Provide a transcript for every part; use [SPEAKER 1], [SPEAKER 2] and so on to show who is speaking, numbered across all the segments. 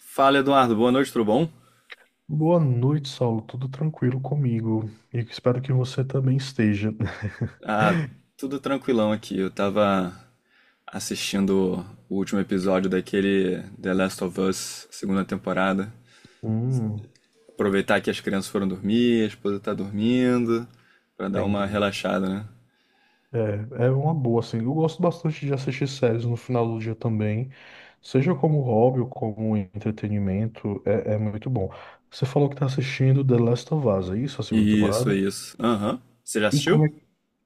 [SPEAKER 1] Fala, Eduardo. Boa noite, tudo bom?
[SPEAKER 2] Boa noite, Saulo. Tudo tranquilo comigo? E espero que você também esteja.
[SPEAKER 1] Ah, tudo tranquilão aqui. Eu tava assistindo o último episódio daquele The Last of Us, segunda temporada.
[SPEAKER 2] Hum,
[SPEAKER 1] Aproveitar que as crianças foram dormir, a esposa tá dormindo, pra dar uma
[SPEAKER 2] entendi.
[SPEAKER 1] relaxada, né?
[SPEAKER 2] É uma boa, assim. Eu gosto bastante de assistir séries no final do dia também, seja como hobby ou como entretenimento, é muito bom. Você falou que está assistindo The Last of Us, é isso, a segunda
[SPEAKER 1] Isso,
[SPEAKER 2] temporada?
[SPEAKER 1] isso. Aham. Você já
[SPEAKER 2] E
[SPEAKER 1] assistiu?
[SPEAKER 2] como é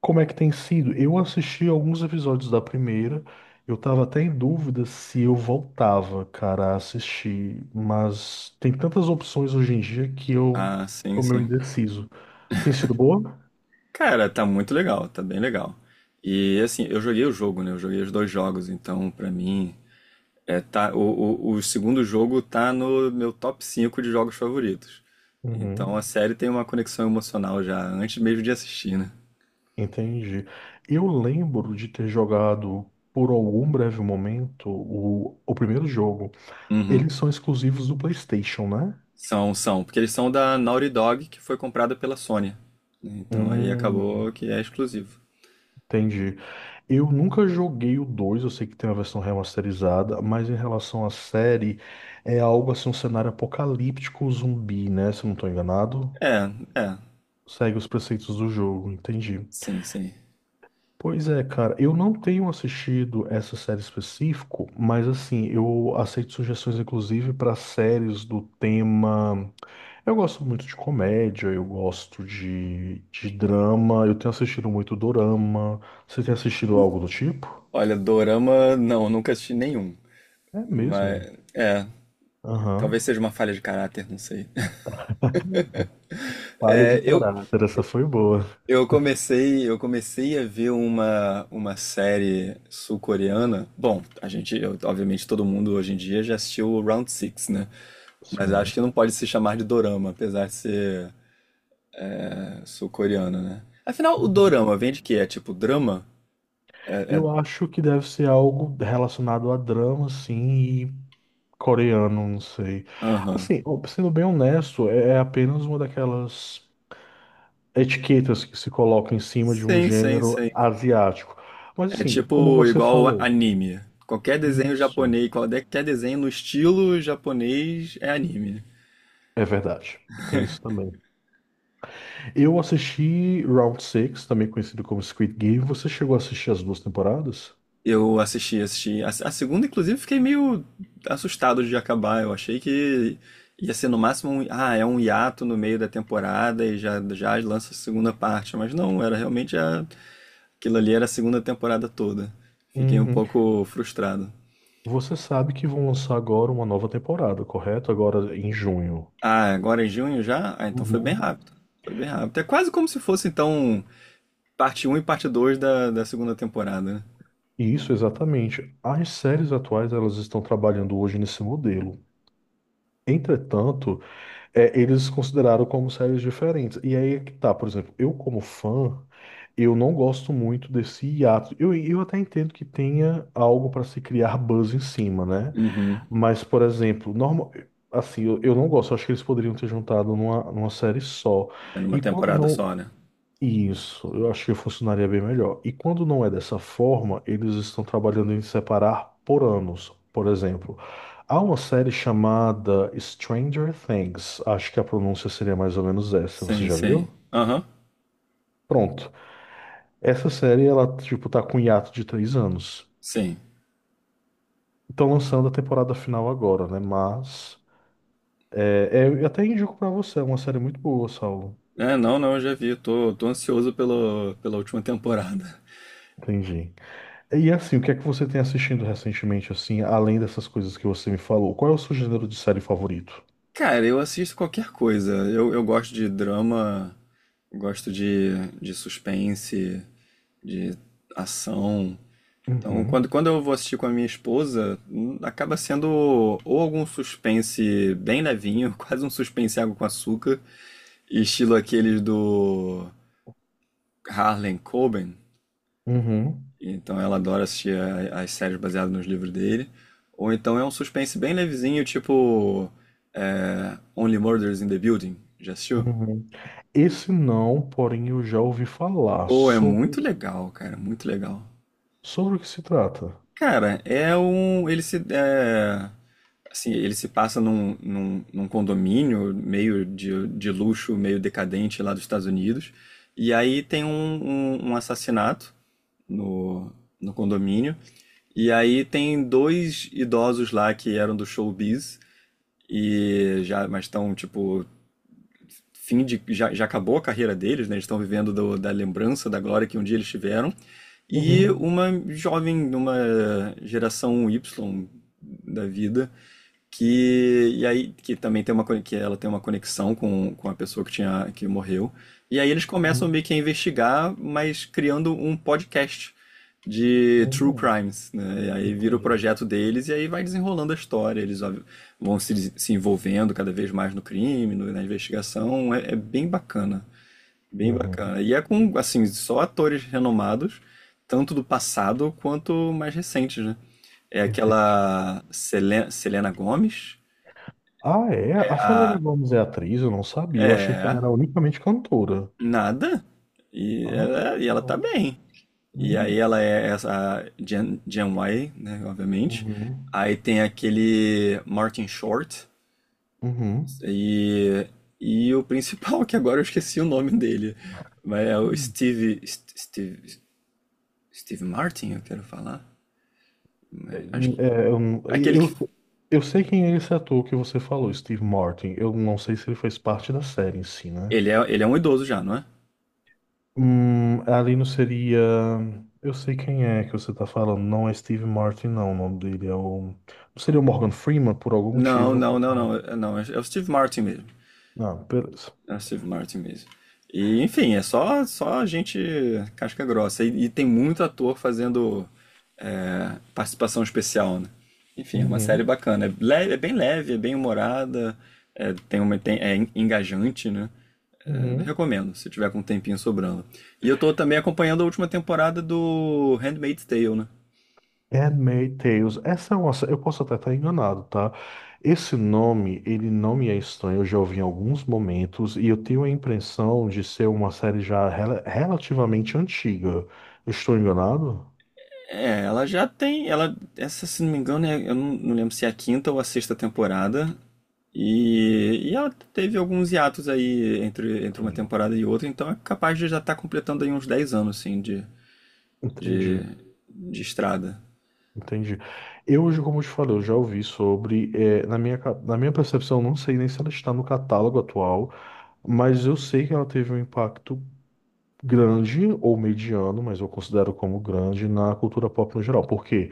[SPEAKER 2] Como é que tem sido? Eu assisti alguns episódios da primeira. Eu tava até em dúvida se eu voltava, cara, a assistir. Mas tem tantas opções hoje em dia que eu
[SPEAKER 1] Ah, sim,
[SPEAKER 2] tô meio
[SPEAKER 1] sim.
[SPEAKER 2] indeciso. Tem sido boa?
[SPEAKER 1] Cara, tá muito legal, tá bem legal. E assim, eu joguei o jogo, né? Eu joguei os dois jogos, então pra mim é, tá, o segundo jogo tá no meu top 5 de jogos favoritos. Então a
[SPEAKER 2] Uhum,
[SPEAKER 1] série tem uma conexão emocional já antes mesmo de assistir, né?
[SPEAKER 2] entendi. Eu lembro de ter jogado por algum breve momento o primeiro jogo.
[SPEAKER 1] Uhum.
[SPEAKER 2] Eles são exclusivos do PlayStation, né?
[SPEAKER 1] São, porque eles são da Naughty Dog, que foi comprada pela Sony, né? Então aí
[SPEAKER 2] Hum,
[SPEAKER 1] acabou que é exclusivo.
[SPEAKER 2] entendi. Eu nunca joguei o 2. Eu sei que tem uma versão remasterizada, mas em relação à série, é algo assim, um cenário apocalíptico zumbi, né? Se eu não tô enganado,
[SPEAKER 1] É, é,
[SPEAKER 2] segue os preceitos do jogo, entendi.
[SPEAKER 1] sim, sim.
[SPEAKER 2] Pois é, cara, eu não tenho assistido essa série específico, mas assim, eu aceito sugestões inclusive para séries do tema. Eu gosto muito de comédia, eu gosto de drama, eu tenho assistido muito dorama. Você tem assistido algo do tipo?
[SPEAKER 1] Olha, dorama, não, nunca assisti nenhum.
[SPEAKER 2] É mesmo.
[SPEAKER 1] Mas, talvez
[SPEAKER 2] Aham.
[SPEAKER 1] seja uma falha de caráter, não sei.
[SPEAKER 2] Falha de
[SPEAKER 1] É, eu,
[SPEAKER 2] caráter, essa foi boa.
[SPEAKER 1] eu comecei a ver uma série sul-coreana. Bom, obviamente, todo mundo hoje em dia já assistiu o Round Six, né? Mas
[SPEAKER 2] Sim.
[SPEAKER 1] acho que não pode se chamar de dorama, apesar de ser sul-coreana, né? Afinal, o
[SPEAKER 2] Uhum.
[SPEAKER 1] dorama vem de quê? É tipo drama?
[SPEAKER 2] Eu acho que deve ser algo relacionado a drama, sim, e coreano, não sei.
[SPEAKER 1] Aham.
[SPEAKER 2] Assim, sendo bem honesto, é apenas uma daquelas etiquetas que se coloca em cima de um
[SPEAKER 1] Sim, sim,
[SPEAKER 2] gênero
[SPEAKER 1] sim.
[SPEAKER 2] asiático. Mas
[SPEAKER 1] É
[SPEAKER 2] assim, como
[SPEAKER 1] tipo
[SPEAKER 2] você
[SPEAKER 1] igual
[SPEAKER 2] falou,
[SPEAKER 1] anime. Qualquer desenho
[SPEAKER 2] isso
[SPEAKER 1] japonês, qualquer desenho no estilo japonês é anime.
[SPEAKER 2] é verdade. E tem isso também. Eu assisti Round Six, também conhecido como Squid Game. Você chegou a assistir as duas temporadas?
[SPEAKER 1] Eu assisti, assisti. A segunda, inclusive, fiquei meio assustado de acabar. Eu achei que ia ser no máximo um hiato no meio da temporada e já lança a segunda parte. Mas não, aquilo ali era a segunda temporada toda. Fiquei um
[SPEAKER 2] Uhum.
[SPEAKER 1] pouco frustrado.
[SPEAKER 2] Você sabe que vão lançar agora uma nova temporada, correto? Agora em junho.
[SPEAKER 1] Ah, agora em junho já? Ah, então foi bem
[SPEAKER 2] Uhum.
[SPEAKER 1] rápido. Foi bem rápido. É quase como se fosse, então, parte um e parte 2 da segunda temporada, né?
[SPEAKER 2] Isso, exatamente. As séries atuais, elas estão trabalhando hoje nesse modelo. Entretanto, é, eles consideraram como séries diferentes. E aí é que tá, por exemplo, eu como fã, eu não gosto muito desse hiato. eu até entendo que tenha algo para se criar buzz em cima, né?
[SPEAKER 1] Uhum.
[SPEAKER 2] Mas, por exemplo, normal, assim, eu não gosto. Eu acho que eles poderiam ter juntado numa série só.
[SPEAKER 1] É numa
[SPEAKER 2] E quando
[SPEAKER 1] temporada
[SPEAKER 2] não,
[SPEAKER 1] só, né?
[SPEAKER 2] isso, eu acho que funcionaria bem melhor. E quando não é dessa forma, eles estão trabalhando em separar por anos. Por exemplo, há uma série chamada Stranger Things. Acho que a pronúncia seria mais ou menos essa. Você
[SPEAKER 1] Sim,
[SPEAKER 2] já
[SPEAKER 1] sim.
[SPEAKER 2] viu?
[SPEAKER 1] Aham.
[SPEAKER 2] Pronto. Essa série, ela, tipo, tá com um hiato de 3 anos.
[SPEAKER 1] Sim.
[SPEAKER 2] Estão lançando a temporada final agora, né? Mas, eu até indico pra você, é uma série muito boa, Saulo.
[SPEAKER 1] É, não, não, eu já vi. Eu tô ansioso pela última temporada.
[SPEAKER 2] Entendi. E assim, o que é que você tem assistindo recentemente, assim, além dessas coisas que você me falou? Qual é o seu gênero de série favorito?
[SPEAKER 1] Cara, eu assisto qualquer coisa. Eu gosto de drama, gosto de suspense, de ação. Então, quando,
[SPEAKER 2] Uhum,
[SPEAKER 1] quando eu vou assistir com a minha esposa, acaba sendo ou algum suspense bem levinho, quase um suspense água com açúcar, estilo aqueles do Harlan Coben.
[SPEAKER 2] uhum,
[SPEAKER 1] Então ela adora assistir as séries baseadas nos livros dele. Ou então é um suspense bem levezinho, tipo Only Murders in the Building. Já assistiu?
[SPEAKER 2] uhum. Esse não, porém eu já ouvi falar
[SPEAKER 1] Ou é
[SPEAKER 2] sobre,
[SPEAKER 1] muito legal.
[SPEAKER 2] sobre o que se trata.
[SPEAKER 1] Cara, é um. Ele se. Ele se passa num condomínio meio de luxo, meio decadente lá dos Estados Unidos. E aí tem um assassinato no, no condomínio. E aí tem dois idosos lá que eram do showbiz e mas estão tipo fim de já acabou a carreira deles, né? Eles estão vivendo da lembrança, da glória que um dia eles tiveram. E
[SPEAKER 2] Uhum,
[SPEAKER 1] uma jovem, uma geração Y da vida, que e aí que também tem que ela tem uma conexão com a pessoa que tinha que morreu. E aí eles começam
[SPEAKER 2] uhum,
[SPEAKER 1] meio que a investigar, mas criando um podcast de true
[SPEAKER 2] uhum.
[SPEAKER 1] crimes, né? E aí vira o
[SPEAKER 2] Entendi.
[SPEAKER 1] projeto deles e aí vai desenrolando a história. Eles ó, vão se envolvendo cada vez mais no crime, na investigação. É bem bacana, bem
[SPEAKER 2] Uhum,
[SPEAKER 1] bacana. E é com assim só atores renomados, tanto do passado quanto mais recentes, né? É
[SPEAKER 2] entendi.
[SPEAKER 1] aquela Selena Gomes,
[SPEAKER 2] Ah, é? A Selena
[SPEAKER 1] ah,
[SPEAKER 2] Gomez é atriz? Eu não sabia. Eu achei que ela
[SPEAKER 1] é,
[SPEAKER 2] era unicamente cantora.
[SPEAKER 1] nada. E
[SPEAKER 2] Ah,
[SPEAKER 1] ela, e ela
[SPEAKER 2] legal.
[SPEAKER 1] tá bem. E aí
[SPEAKER 2] Hum,
[SPEAKER 1] ela é essa a Gen Y, né, obviamente.
[SPEAKER 2] uhum,
[SPEAKER 1] Aí tem aquele Martin Short e, e o principal, que agora eu esqueci o nome dele. Mas é o
[SPEAKER 2] uhum.
[SPEAKER 1] Steve Martin, eu quero falar.
[SPEAKER 2] É,
[SPEAKER 1] Acho que,
[SPEAKER 2] eu,
[SPEAKER 1] aquele
[SPEAKER 2] eu,
[SPEAKER 1] que,
[SPEAKER 2] eu sei quem é esse ator que você falou, Steve Martin. Eu não sei se ele fez parte da série em si, né?
[SPEAKER 1] ele é um idoso já, não é?
[SPEAKER 2] Ali não seria. Eu sei quem é que você tá falando. Não é Steve Martin, não. O nome dele é o. Não seria o Morgan Freeman por algum
[SPEAKER 1] Não,
[SPEAKER 2] motivo?
[SPEAKER 1] não, não,
[SPEAKER 2] Não.
[SPEAKER 1] não, não, é o Steve Martin mesmo.
[SPEAKER 2] Ah, beleza.
[SPEAKER 1] É o Steve Martin mesmo. E, enfim, é só gente casca grossa. E tem muito ator fazendo participação especial, né? Enfim, é uma série
[SPEAKER 2] Uhum,
[SPEAKER 1] bacana. É leve, é bem humorada, é, é engajante, né? É,
[SPEAKER 2] uhum.
[SPEAKER 1] recomendo, se tiver com um tempinho sobrando. E eu tô também acompanhando a última temporada do Handmaid's Tale, né?
[SPEAKER 2] Handmaid's Tales. Essa é uma, sé- Eu posso até estar enganado, tá? Esse nome, ele não me é estranho, eu já ouvi em alguns momentos e eu tenho a impressão de ser uma série já relativamente antiga. Eu estou enganado?
[SPEAKER 1] É, ela já tem. Ela, essa, se não me engano, eu não lembro se é a quinta ou a sexta temporada. E ela teve alguns hiatos aí entre uma
[SPEAKER 2] Entendi,
[SPEAKER 1] temporada e outra, então é capaz de já estar completando aí uns 10 anos, assim, de,
[SPEAKER 2] entendi.
[SPEAKER 1] de estrada.
[SPEAKER 2] Entendi. Eu, hoje, como eu te falei, eu já ouvi sobre. Na minha percepção, não sei nem se ela está no catálogo atual, mas eu sei que ela teve um impacto grande ou mediano, mas eu considero como grande na cultura pop no geral. Por quê?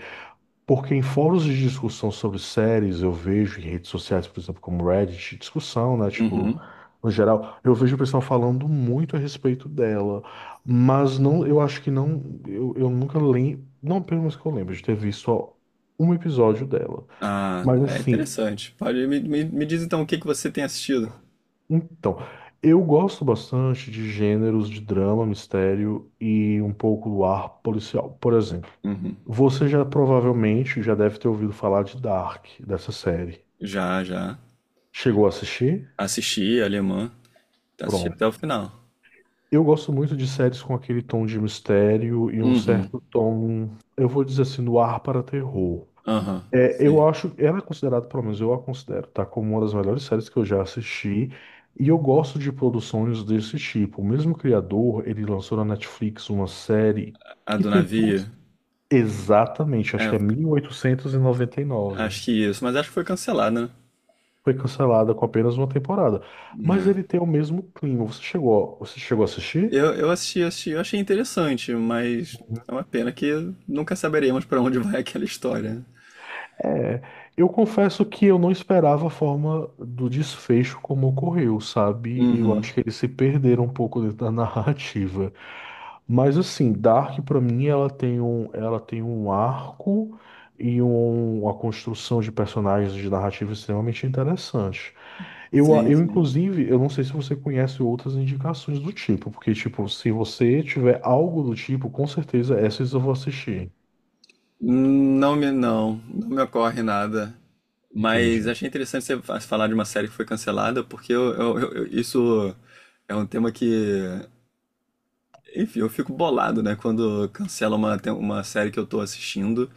[SPEAKER 2] Porque em fóruns de discussão sobre séries, eu vejo em redes sociais, por exemplo, como Reddit, discussão, né? Tipo,
[SPEAKER 1] Uhum.
[SPEAKER 2] no geral, eu vejo o pessoal falando muito a respeito dela. Mas não, eu acho que não, eu nunca lembro, não pelo menos que eu lembro, de ter visto só um episódio dela.
[SPEAKER 1] Ah,
[SPEAKER 2] Mas
[SPEAKER 1] é
[SPEAKER 2] assim,
[SPEAKER 1] interessante. Me diz então o que que você tem assistido.
[SPEAKER 2] então, eu gosto bastante de gêneros de drama, mistério e um pouco do ar policial. Por exemplo,
[SPEAKER 1] Uhum.
[SPEAKER 2] você já provavelmente já deve ter ouvido falar de Dark, dessa série.
[SPEAKER 1] Já, já.
[SPEAKER 2] Chegou a assistir?
[SPEAKER 1] Assisti Alemã. Assisti até o
[SPEAKER 2] Pronto.
[SPEAKER 1] final.
[SPEAKER 2] Eu gosto muito de séries com aquele tom de mistério e um
[SPEAKER 1] Uhum.
[SPEAKER 2] certo tom, eu vou dizer assim, no ar para terror.
[SPEAKER 1] Aham.
[SPEAKER 2] É,
[SPEAKER 1] Sim.
[SPEAKER 2] eu acho, ela é considerada, pelo menos eu a considero, tá? Como uma das melhores séries que eu já assisti. E eu gosto de produções desse tipo. O mesmo criador, ele lançou na Netflix uma série
[SPEAKER 1] A
[SPEAKER 2] que
[SPEAKER 1] do
[SPEAKER 2] tem tudo.
[SPEAKER 1] navio.
[SPEAKER 2] Exatamente, acho
[SPEAKER 1] É,
[SPEAKER 2] que é mil oitocentos e noventa e nove.
[SPEAKER 1] acho que isso. Mas acho que foi cancelada,
[SPEAKER 2] Foi cancelada com apenas uma temporada. Mas
[SPEAKER 1] né?
[SPEAKER 2] ele tem o mesmo clima. Você chegou a assistir?
[SPEAKER 1] Eu assisti, eu achei interessante, mas é uma pena que nunca saberemos pra onde vai aquela história.
[SPEAKER 2] É, eu confesso que eu não esperava a forma do desfecho como ocorreu, sabe? Eu
[SPEAKER 1] Uhum.
[SPEAKER 2] acho que eles se perderam um pouco dentro da narrativa. Mas assim, Dark pra mim ela tem um arco e uma construção de personagens de narrativa extremamente interessante. Eu, a-
[SPEAKER 1] Sim,
[SPEAKER 2] eu
[SPEAKER 1] sim.
[SPEAKER 2] inclusive, eu não sei se você conhece outras indicações do tipo, porque tipo, se você tiver algo do tipo, com certeza essas eu vou assistir.
[SPEAKER 1] Não me ocorre nada. Mas
[SPEAKER 2] Entendi.
[SPEAKER 1] achei interessante você falar de uma série que foi cancelada, porque isso é um tema que, enfim, eu fico bolado, né, quando cancela uma série que eu tô assistindo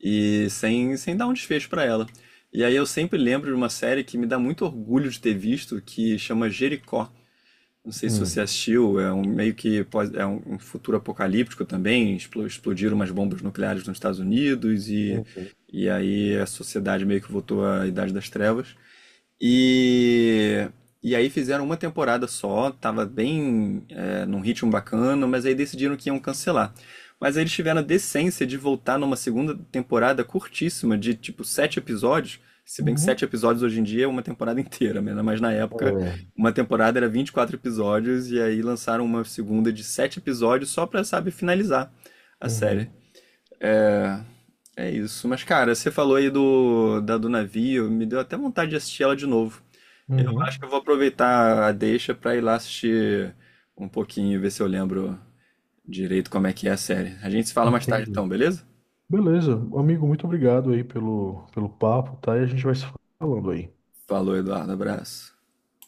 [SPEAKER 1] e sem dar um desfecho pra ela. E aí eu sempre lembro de uma série que me dá muito orgulho de ter visto, que chama Jericó. Não sei se você
[SPEAKER 2] Hum.
[SPEAKER 1] assistiu, é um meio que é um futuro apocalíptico também. Explodiram umas bombas nucleares nos Estados Unidos
[SPEAKER 2] Uhum.
[SPEAKER 1] e aí a sociedade meio que voltou à Idade das Trevas. E, e aí fizeram uma temporada só, tava bem num ritmo bacana, mas aí decidiram que iam cancelar. Mas aí eles tiveram a decência de voltar numa segunda temporada curtíssima, de tipo sete episódios. Se bem que sete
[SPEAKER 2] Uhum.
[SPEAKER 1] episódios hoje em dia é uma temporada inteira, né? Mas na época
[SPEAKER 2] É.
[SPEAKER 1] uma temporada era 24 episódios, e aí lançaram uma segunda de sete episódios só pra, sabe, finalizar a série.
[SPEAKER 2] Uhum,
[SPEAKER 1] É, é isso. Mas, cara, você falou aí da do navio, me deu até vontade de assistir ela de novo. Eu acho que
[SPEAKER 2] uhum,
[SPEAKER 1] eu vou aproveitar a deixa pra ir lá assistir um pouquinho e ver se eu lembro direito como é que é a série. A gente se fala mais tarde
[SPEAKER 2] entendi.
[SPEAKER 1] então, beleza?
[SPEAKER 2] Beleza, amigo, muito obrigado aí pelo, pelo papo, tá? E a gente vai se falando aí.
[SPEAKER 1] Falou, Eduardo. Abraço.